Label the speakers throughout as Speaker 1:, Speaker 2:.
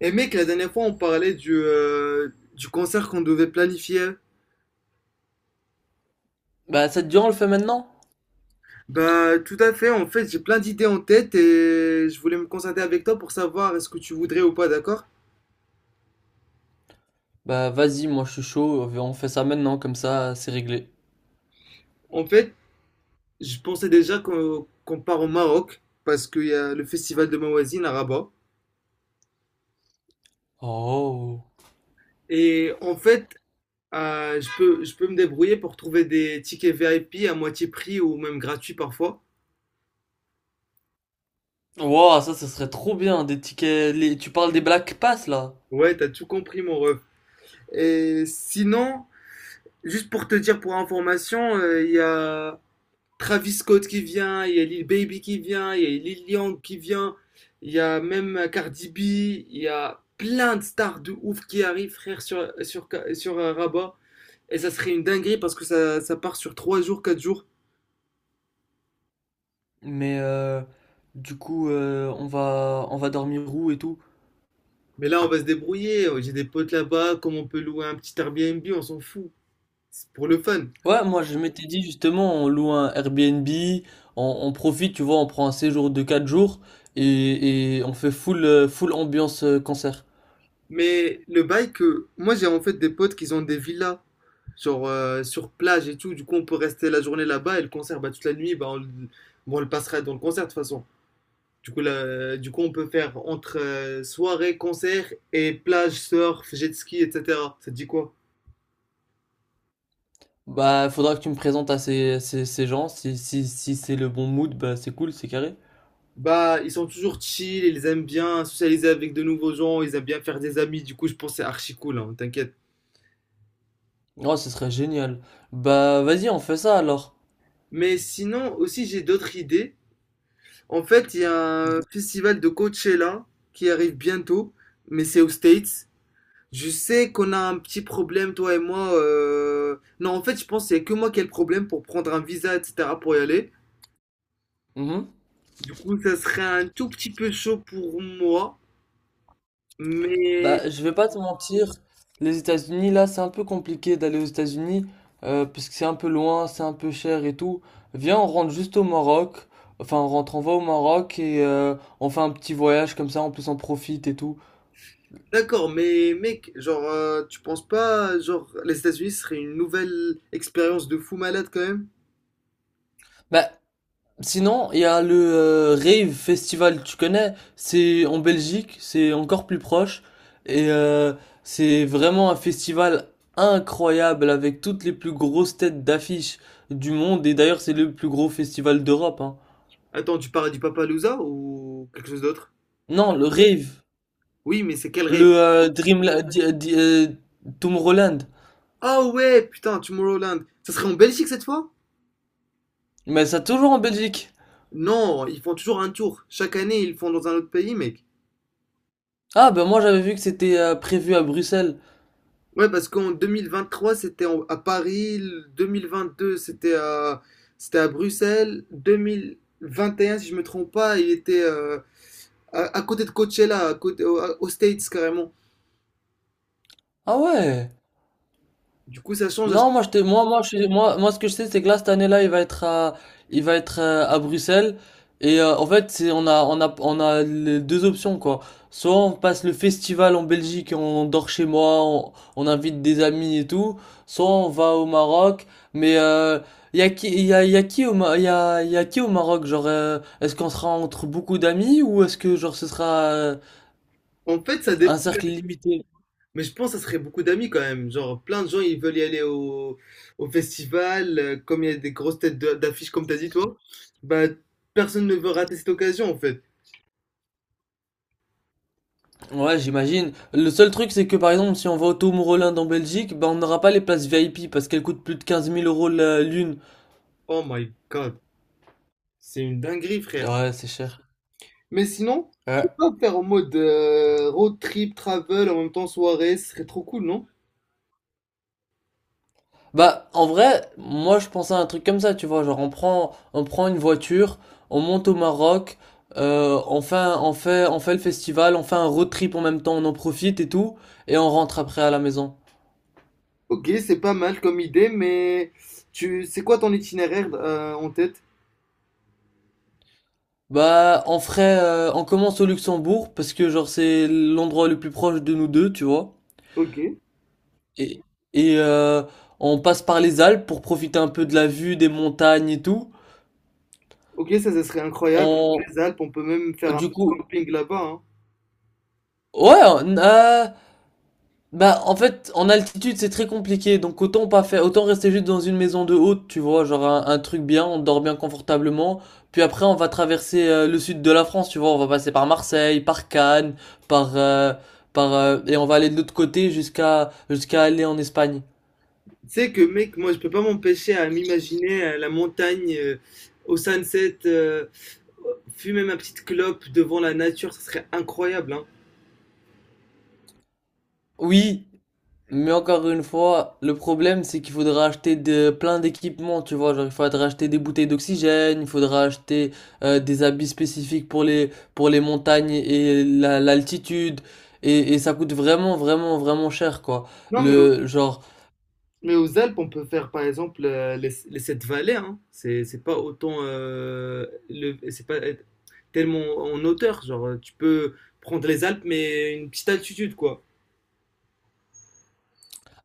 Speaker 1: Et mec, la dernière fois, on parlait du concert qu'on devait planifier.
Speaker 2: Bah ça te dit on le fait maintenant?
Speaker 1: Bah, tout à fait. En fait, j'ai plein d'idées en tête et je voulais me concerter avec toi pour savoir est-ce que tu voudrais ou pas, d'accord?
Speaker 2: Bah vas-y, moi je suis chaud, on fait ça maintenant, comme ça c'est réglé.
Speaker 1: En fait, je pensais déjà qu'on part au Maroc parce qu'il y a le festival de Mawazine à Rabat.
Speaker 2: Oh.
Speaker 1: Et en fait, je peux me débrouiller pour trouver des tickets VIP à moitié prix ou même gratuits parfois.
Speaker 2: Wow, ça serait trop bien, des tickets. Tu parles des Black Pass là.
Speaker 1: Ouais, t'as tout compris, mon ref. Et sinon, juste pour te dire pour information, il y a. Travis Scott qui vient, il y a Lil Baby qui vient, il y a Lil Yang qui vient, il y a même Cardi B, il y a plein de stars de ouf qui arrivent, frère, sur Rabat. Et ça serait une dinguerie parce que ça part sur 3 jours, 4 jours.
Speaker 2: Mais du coup on va dormir où et tout.
Speaker 1: Mais là, on va se débrouiller. Oh, j'ai des potes là-bas, comme on peut louer un petit Airbnb, on s'en fout. C'est pour le fun.
Speaker 2: Ouais, moi je m'étais dit justement on loue un Airbnb, on profite, tu vois, on prend un séjour de 4 jours et on fait full full ambiance concert.
Speaker 1: Mais le bail que moi, j'ai en fait des potes qui ont des villas sur plage et tout. Du coup, on peut rester la journée là-bas et le concert, bah, toute la nuit, bah, bon, on le passera dans le concert de toute façon. Du coup, on peut faire entre soirée, concert et plage, surf, jet ski, etc. Ça te dit quoi?
Speaker 2: Bah faudra que tu me présentes à ces gens, si c'est le bon mood, bah c'est cool, c'est carré.
Speaker 1: Bah, ils sont toujours chill, ils aiment bien socialiser avec de nouveaux gens, ils aiment bien faire des amis, du coup, je pense que c'est archi cool, hein, t'inquiète.
Speaker 2: Oh, ce serait génial. Bah, vas-y, on fait ça alors.
Speaker 1: Mais sinon, aussi, j'ai d'autres idées. En fait, il y a un festival de Coachella qui arrive bientôt, mais c'est aux States. Je sais qu'on a un petit problème, toi et moi. Non, en fait, je pense que c'est que moi qui ai le problème pour prendre un visa, etc., pour y aller.
Speaker 2: Mhm.
Speaker 1: Du coup, ça serait un tout petit peu chaud pour moi, mais
Speaker 2: Bah, je vais pas te mentir, les États-Unis, là, c'est un peu compliqué d'aller aux États-Unis, parce que c'est un peu loin, c'est un peu cher et tout. Viens, on rentre juste au Maroc. Enfin, on rentre, on va au Maroc et on fait un petit voyage comme ça, en plus on profite et tout.
Speaker 1: d'accord, mais mec, genre, tu penses pas, genre, les États-Unis ce serait une nouvelle expérience de fou malade quand même?
Speaker 2: Bah, sinon, il y a le Rave Festival, tu connais? C'est en Belgique, c'est encore plus proche. Et c'est vraiment un festival incroyable avec toutes les plus grosses têtes d'affiche du monde. Et d'ailleurs, c'est le plus gros festival d'Europe, hein.
Speaker 1: Attends, tu parles du Loza ou quelque chose d'autre?
Speaker 2: Non, le Rave,
Speaker 1: Oui, mais c'est quel rêve?
Speaker 2: le Tomorrowland.
Speaker 1: Ah ouais, putain, Tomorrowland, ça serait en Belgique cette fois?
Speaker 2: Mais ça toujours en Belgique.
Speaker 1: Non, ils font toujours un tour. Chaque année, ils le font dans un autre pays, mec.
Speaker 2: Ah, ben moi j'avais vu que c'était prévu à Bruxelles.
Speaker 1: Ouais, parce qu'en 2023, à Paris, le 2022, c'était à Bruxelles, 2021, si je me trompe pas, il était à côté de Coachella, à côté, aux States carrément.
Speaker 2: Ah ouais.
Speaker 1: Du coup, ça change.
Speaker 2: Non, moi, je te, moi, moi, je, suis- moi, moi, ce que je sais, c'est que là, cette année-là, il va être à, il va être à Bruxelles. Et en fait, on a les deux options, quoi. Soit on passe le festival en Belgique et on dort chez moi, on invite des amis et tout. Soit on va au Maroc. Mais il y a qui au, il y a qui au Maroc? Genre, est-ce qu'on sera entre beaucoup d'amis ou est-ce que genre ce sera euh,
Speaker 1: En fait, ça
Speaker 2: un
Speaker 1: dépend,
Speaker 2: cercle limité?
Speaker 1: mais je pense que ça serait beaucoup d'amis quand même. Genre, plein de gens, ils veulent y aller au festival, comme il y a des grosses d'affiches, comme t'as dit toi, bah, personne ne veut rater cette occasion en fait.
Speaker 2: Ouais, j'imagine. Le seul truc, c'est que par exemple, si on va au Tomorrowland en Belgique, bah on n'aura pas les places VIP parce qu'elles coûtent plus de 15 000 euros l'une.
Speaker 1: Oh my God, c'est une dinguerie, frère.
Speaker 2: Ouais, c'est cher.
Speaker 1: Mais sinon, tu
Speaker 2: Ouais.
Speaker 1: peux pas faire en mode road trip, travel, en même temps soirée, ce serait trop cool, non?
Speaker 2: Bah, en vrai, moi je pensais à un truc comme ça, tu vois. Genre, on prend une voiture, on monte au Maroc, on fait le festival, on fait un road trip en même temps, on en profite et tout, et on rentre après à la maison.
Speaker 1: Ok, c'est pas mal comme idée, mais c'est quoi ton itinéraire en tête?
Speaker 2: Bah, on ferait, on commence au Luxembourg parce que genre c'est l'endroit le plus proche de nous deux, tu vois.
Speaker 1: Ok,
Speaker 2: Et, et, on passe par les Alpes pour profiter un peu de la vue, des montagnes et tout.
Speaker 1: ok, ça serait incroyable.
Speaker 2: On,
Speaker 1: Les Alpes, on peut même faire un
Speaker 2: du coup,
Speaker 1: camping là-bas, hein.
Speaker 2: ouais, on- bah en fait, en altitude c'est très compliqué, donc autant pas faire, autant rester juste dans une maison de haute, tu vois, genre un truc bien, on dort bien confortablement. Puis après, on va traverser le sud de la France, tu vois, on va passer par Marseille, par Cannes, par, euh, et on va aller de l'autre côté jusqu'à aller en Espagne.
Speaker 1: Tu sais que, mec, moi, je peux pas m'empêcher à m'imaginer la montagne au sunset, fumer ma petite clope devant la nature, ça serait incroyable, hein.
Speaker 2: Oui, mais encore une fois, le problème, c'est qu'il faudra acheter plein d'équipements, tu vois. Genre, il faudra acheter des bouteilles d'oxygène, il faudra acheter des habits spécifiques pour pour les montagnes et l'altitude. Et ça coûte vraiment, vraiment, vraiment cher, quoi.
Speaker 1: Non, mais
Speaker 2: Le, genre,
Speaker 1: Mais aux Alpes, on peut faire par exemple les sept vallées. Hein. C'est pas autant, c'est pas être tellement en hauteur. Genre, tu peux prendre les Alpes, mais une petite altitude, quoi.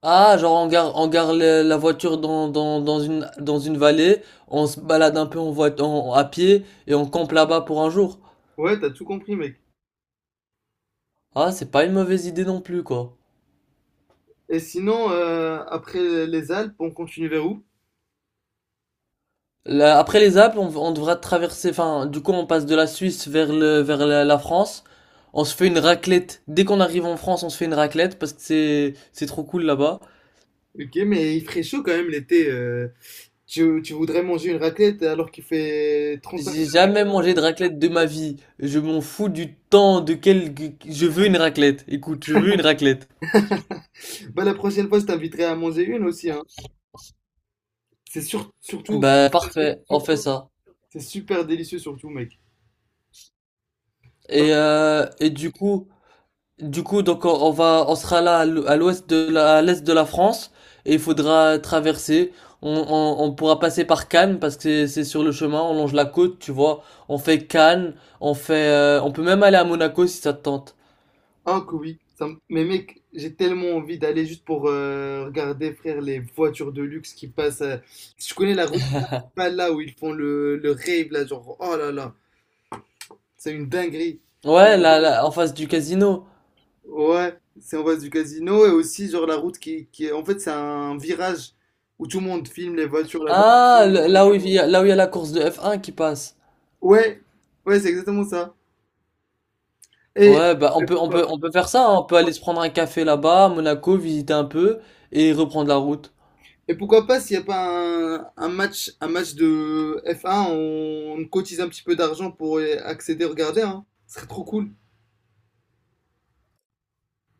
Speaker 2: ah, genre, on gare, on gare la voiture dans une vallée, on se balade un peu à pied et on campe là-bas pour un jour.
Speaker 1: Ouais, t'as tout compris, mec.
Speaker 2: Ah, c'est pas une mauvaise idée non plus, quoi.
Speaker 1: Et sinon, après les Alpes, on continue vers où?
Speaker 2: Là, après les Alpes, on devra traverser, enfin, du coup, on passe de la Suisse vers la France. On se fait une raclette. Dès qu'on arrive en France, on se fait une raclette parce que c'est trop cool là-bas.
Speaker 1: Ok, mais il ferait chaud quand même l'été. Tu voudrais manger une raclette alors qu'il fait 35.
Speaker 2: J'ai jamais mangé de raclette de ma vie. Je m'en fous du temps de quel, je veux une raclette. Écoute, je veux une raclette.
Speaker 1: Bah, la prochaine fois, je t'inviterai à manger une aussi, hein. Surtout,
Speaker 2: Bah, parfait. On fait ça.
Speaker 1: c'est super délicieux, surtout, mec.
Speaker 2: Et, euh, et du coup, donc on sera là à l'ouest à l'est de la France et il faudra traverser. On pourra passer par Cannes parce que c'est sur le chemin. On longe la côte, tu vois. On fait Cannes, on fait, on peut même aller à Monaco si ça te tente.
Speaker 1: Ah que oui, mais mec, j'ai tellement envie d'aller juste pour regarder, frère, les voitures de luxe qui passent. Je connais la route principale là où ils font le rave là, genre, oh là là, c'est une dinguerie.
Speaker 2: Ouais, en face du casino.
Speaker 1: Ouais, c'est en face du casino et aussi genre la route qui est, en fait, c'est un virage où tout le monde filme les voitures là-bas.
Speaker 2: Ah, là où il y a la course de F1 qui passe.
Speaker 1: Ouais, ouais, c'est exactement ça. Et,
Speaker 2: Ouais, bah on peut faire ça, hein. On peut aller se prendre un café là-bas à Monaco, visiter un peu et reprendre la route.
Speaker 1: et pourquoi pas s'il n'y a pas un match, un match de F1, on cotise un petit peu d'argent pour accéder, regarder, hein. Ce serait trop cool.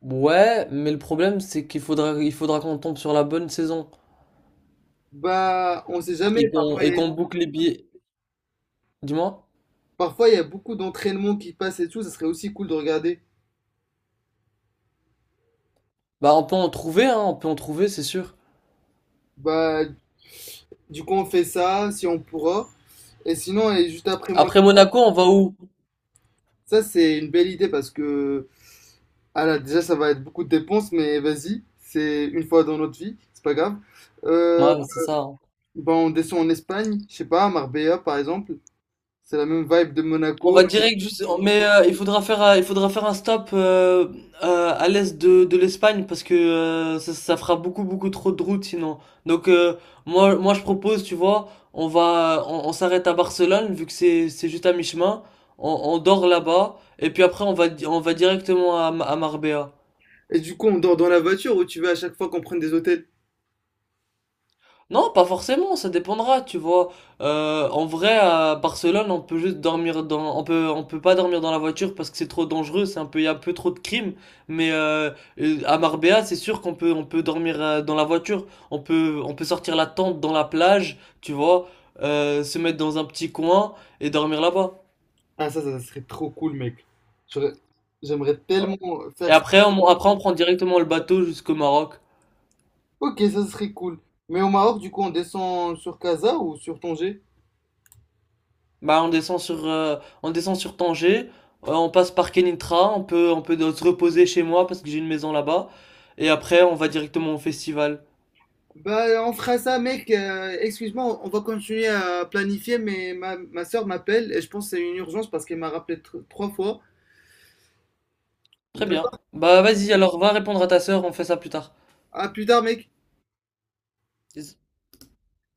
Speaker 2: Ouais, mais le problème c'est qu'il faudra, il faudra qu'on tombe sur la bonne saison.
Speaker 1: Bah, on sait
Speaker 2: Et
Speaker 1: jamais. Parfois, il y a
Speaker 2: qu'on boucle les billets. Dis-moi.
Speaker 1: parfois, il y a beaucoup d'entraînements qui passent et tout. Ça serait aussi cool de regarder.
Speaker 2: Bah on peut en trouver, hein, on peut en trouver, c'est sûr.
Speaker 1: Bah, du coup, on fait ça si on pourra. Et sinon, et juste après moi,
Speaker 2: Après Monaco, on va où?
Speaker 1: ça c'est une belle idée parce que, ah là, déjà, ça va être beaucoup de dépenses, mais vas-y, c'est une fois dans notre vie, c'est pas grave.
Speaker 2: Ouais,
Speaker 1: Euh,
Speaker 2: bah, c'est ça, hein.
Speaker 1: bah, on descend en Espagne, je sais pas, à Marbella par exemple. C'est la même vibe de
Speaker 2: On
Speaker 1: Monaco.
Speaker 2: va direct juste. Mais il faudra faire un stop à l'est de l'Espagne parce que ça fera beaucoup beaucoup trop de route sinon. Donc euh, moi je propose, tu vois, on s'arrête à Barcelone vu que c'est juste à mi-chemin. On dort là-bas et puis après on va directement à, à Marbella.
Speaker 1: Et du coup, on dort dans la voiture ou tu veux à chaque fois qu'on prenne des hôtels?
Speaker 2: Non, pas forcément, ça dépendra, tu vois. En vrai, à Barcelone, on peut pas dormir dans la voiture parce que c'est trop dangereux, c'est un peu, il y a un peu trop de crimes. Mais à Marbella, c'est sûr qu'on peut, on peut dormir dans la voiture, on peut sortir la tente dans la plage, tu vois, se mettre dans un petit coin et dormir là-bas.
Speaker 1: Ah, ça serait trop cool, mec. J'aurais- j'aimerais tellement
Speaker 2: Et
Speaker 1: faire
Speaker 2: après, on prend directement le bateau jusqu'au Maroc.
Speaker 1: ok, ça serait cool. Mais au Maroc, du coup, on descend sur Casa ou sur Tanger?
Speaker 2: Bah, on descend sur Tanger, on passe par Kenitra, on peut se reposer chez moi parce que j'ai une maison là-bas, et après on va directement au festival.
Speaker 1: Bah, on fera ça, mec. Excuse-moi, on va continuer à planifier, mais ma soeur m'appelle et je pense que c'est une urgence parce qu'elle m'a rappelé trois fois.
Speaker 2: Très bien.
Speaker 1: D'accord?
Speaker 2: Bah vas-y, alors va répondre à ta sœur, on fait ça plus tard.
Speaker 1: À plus tard, mec.
Speaker 2: Yes.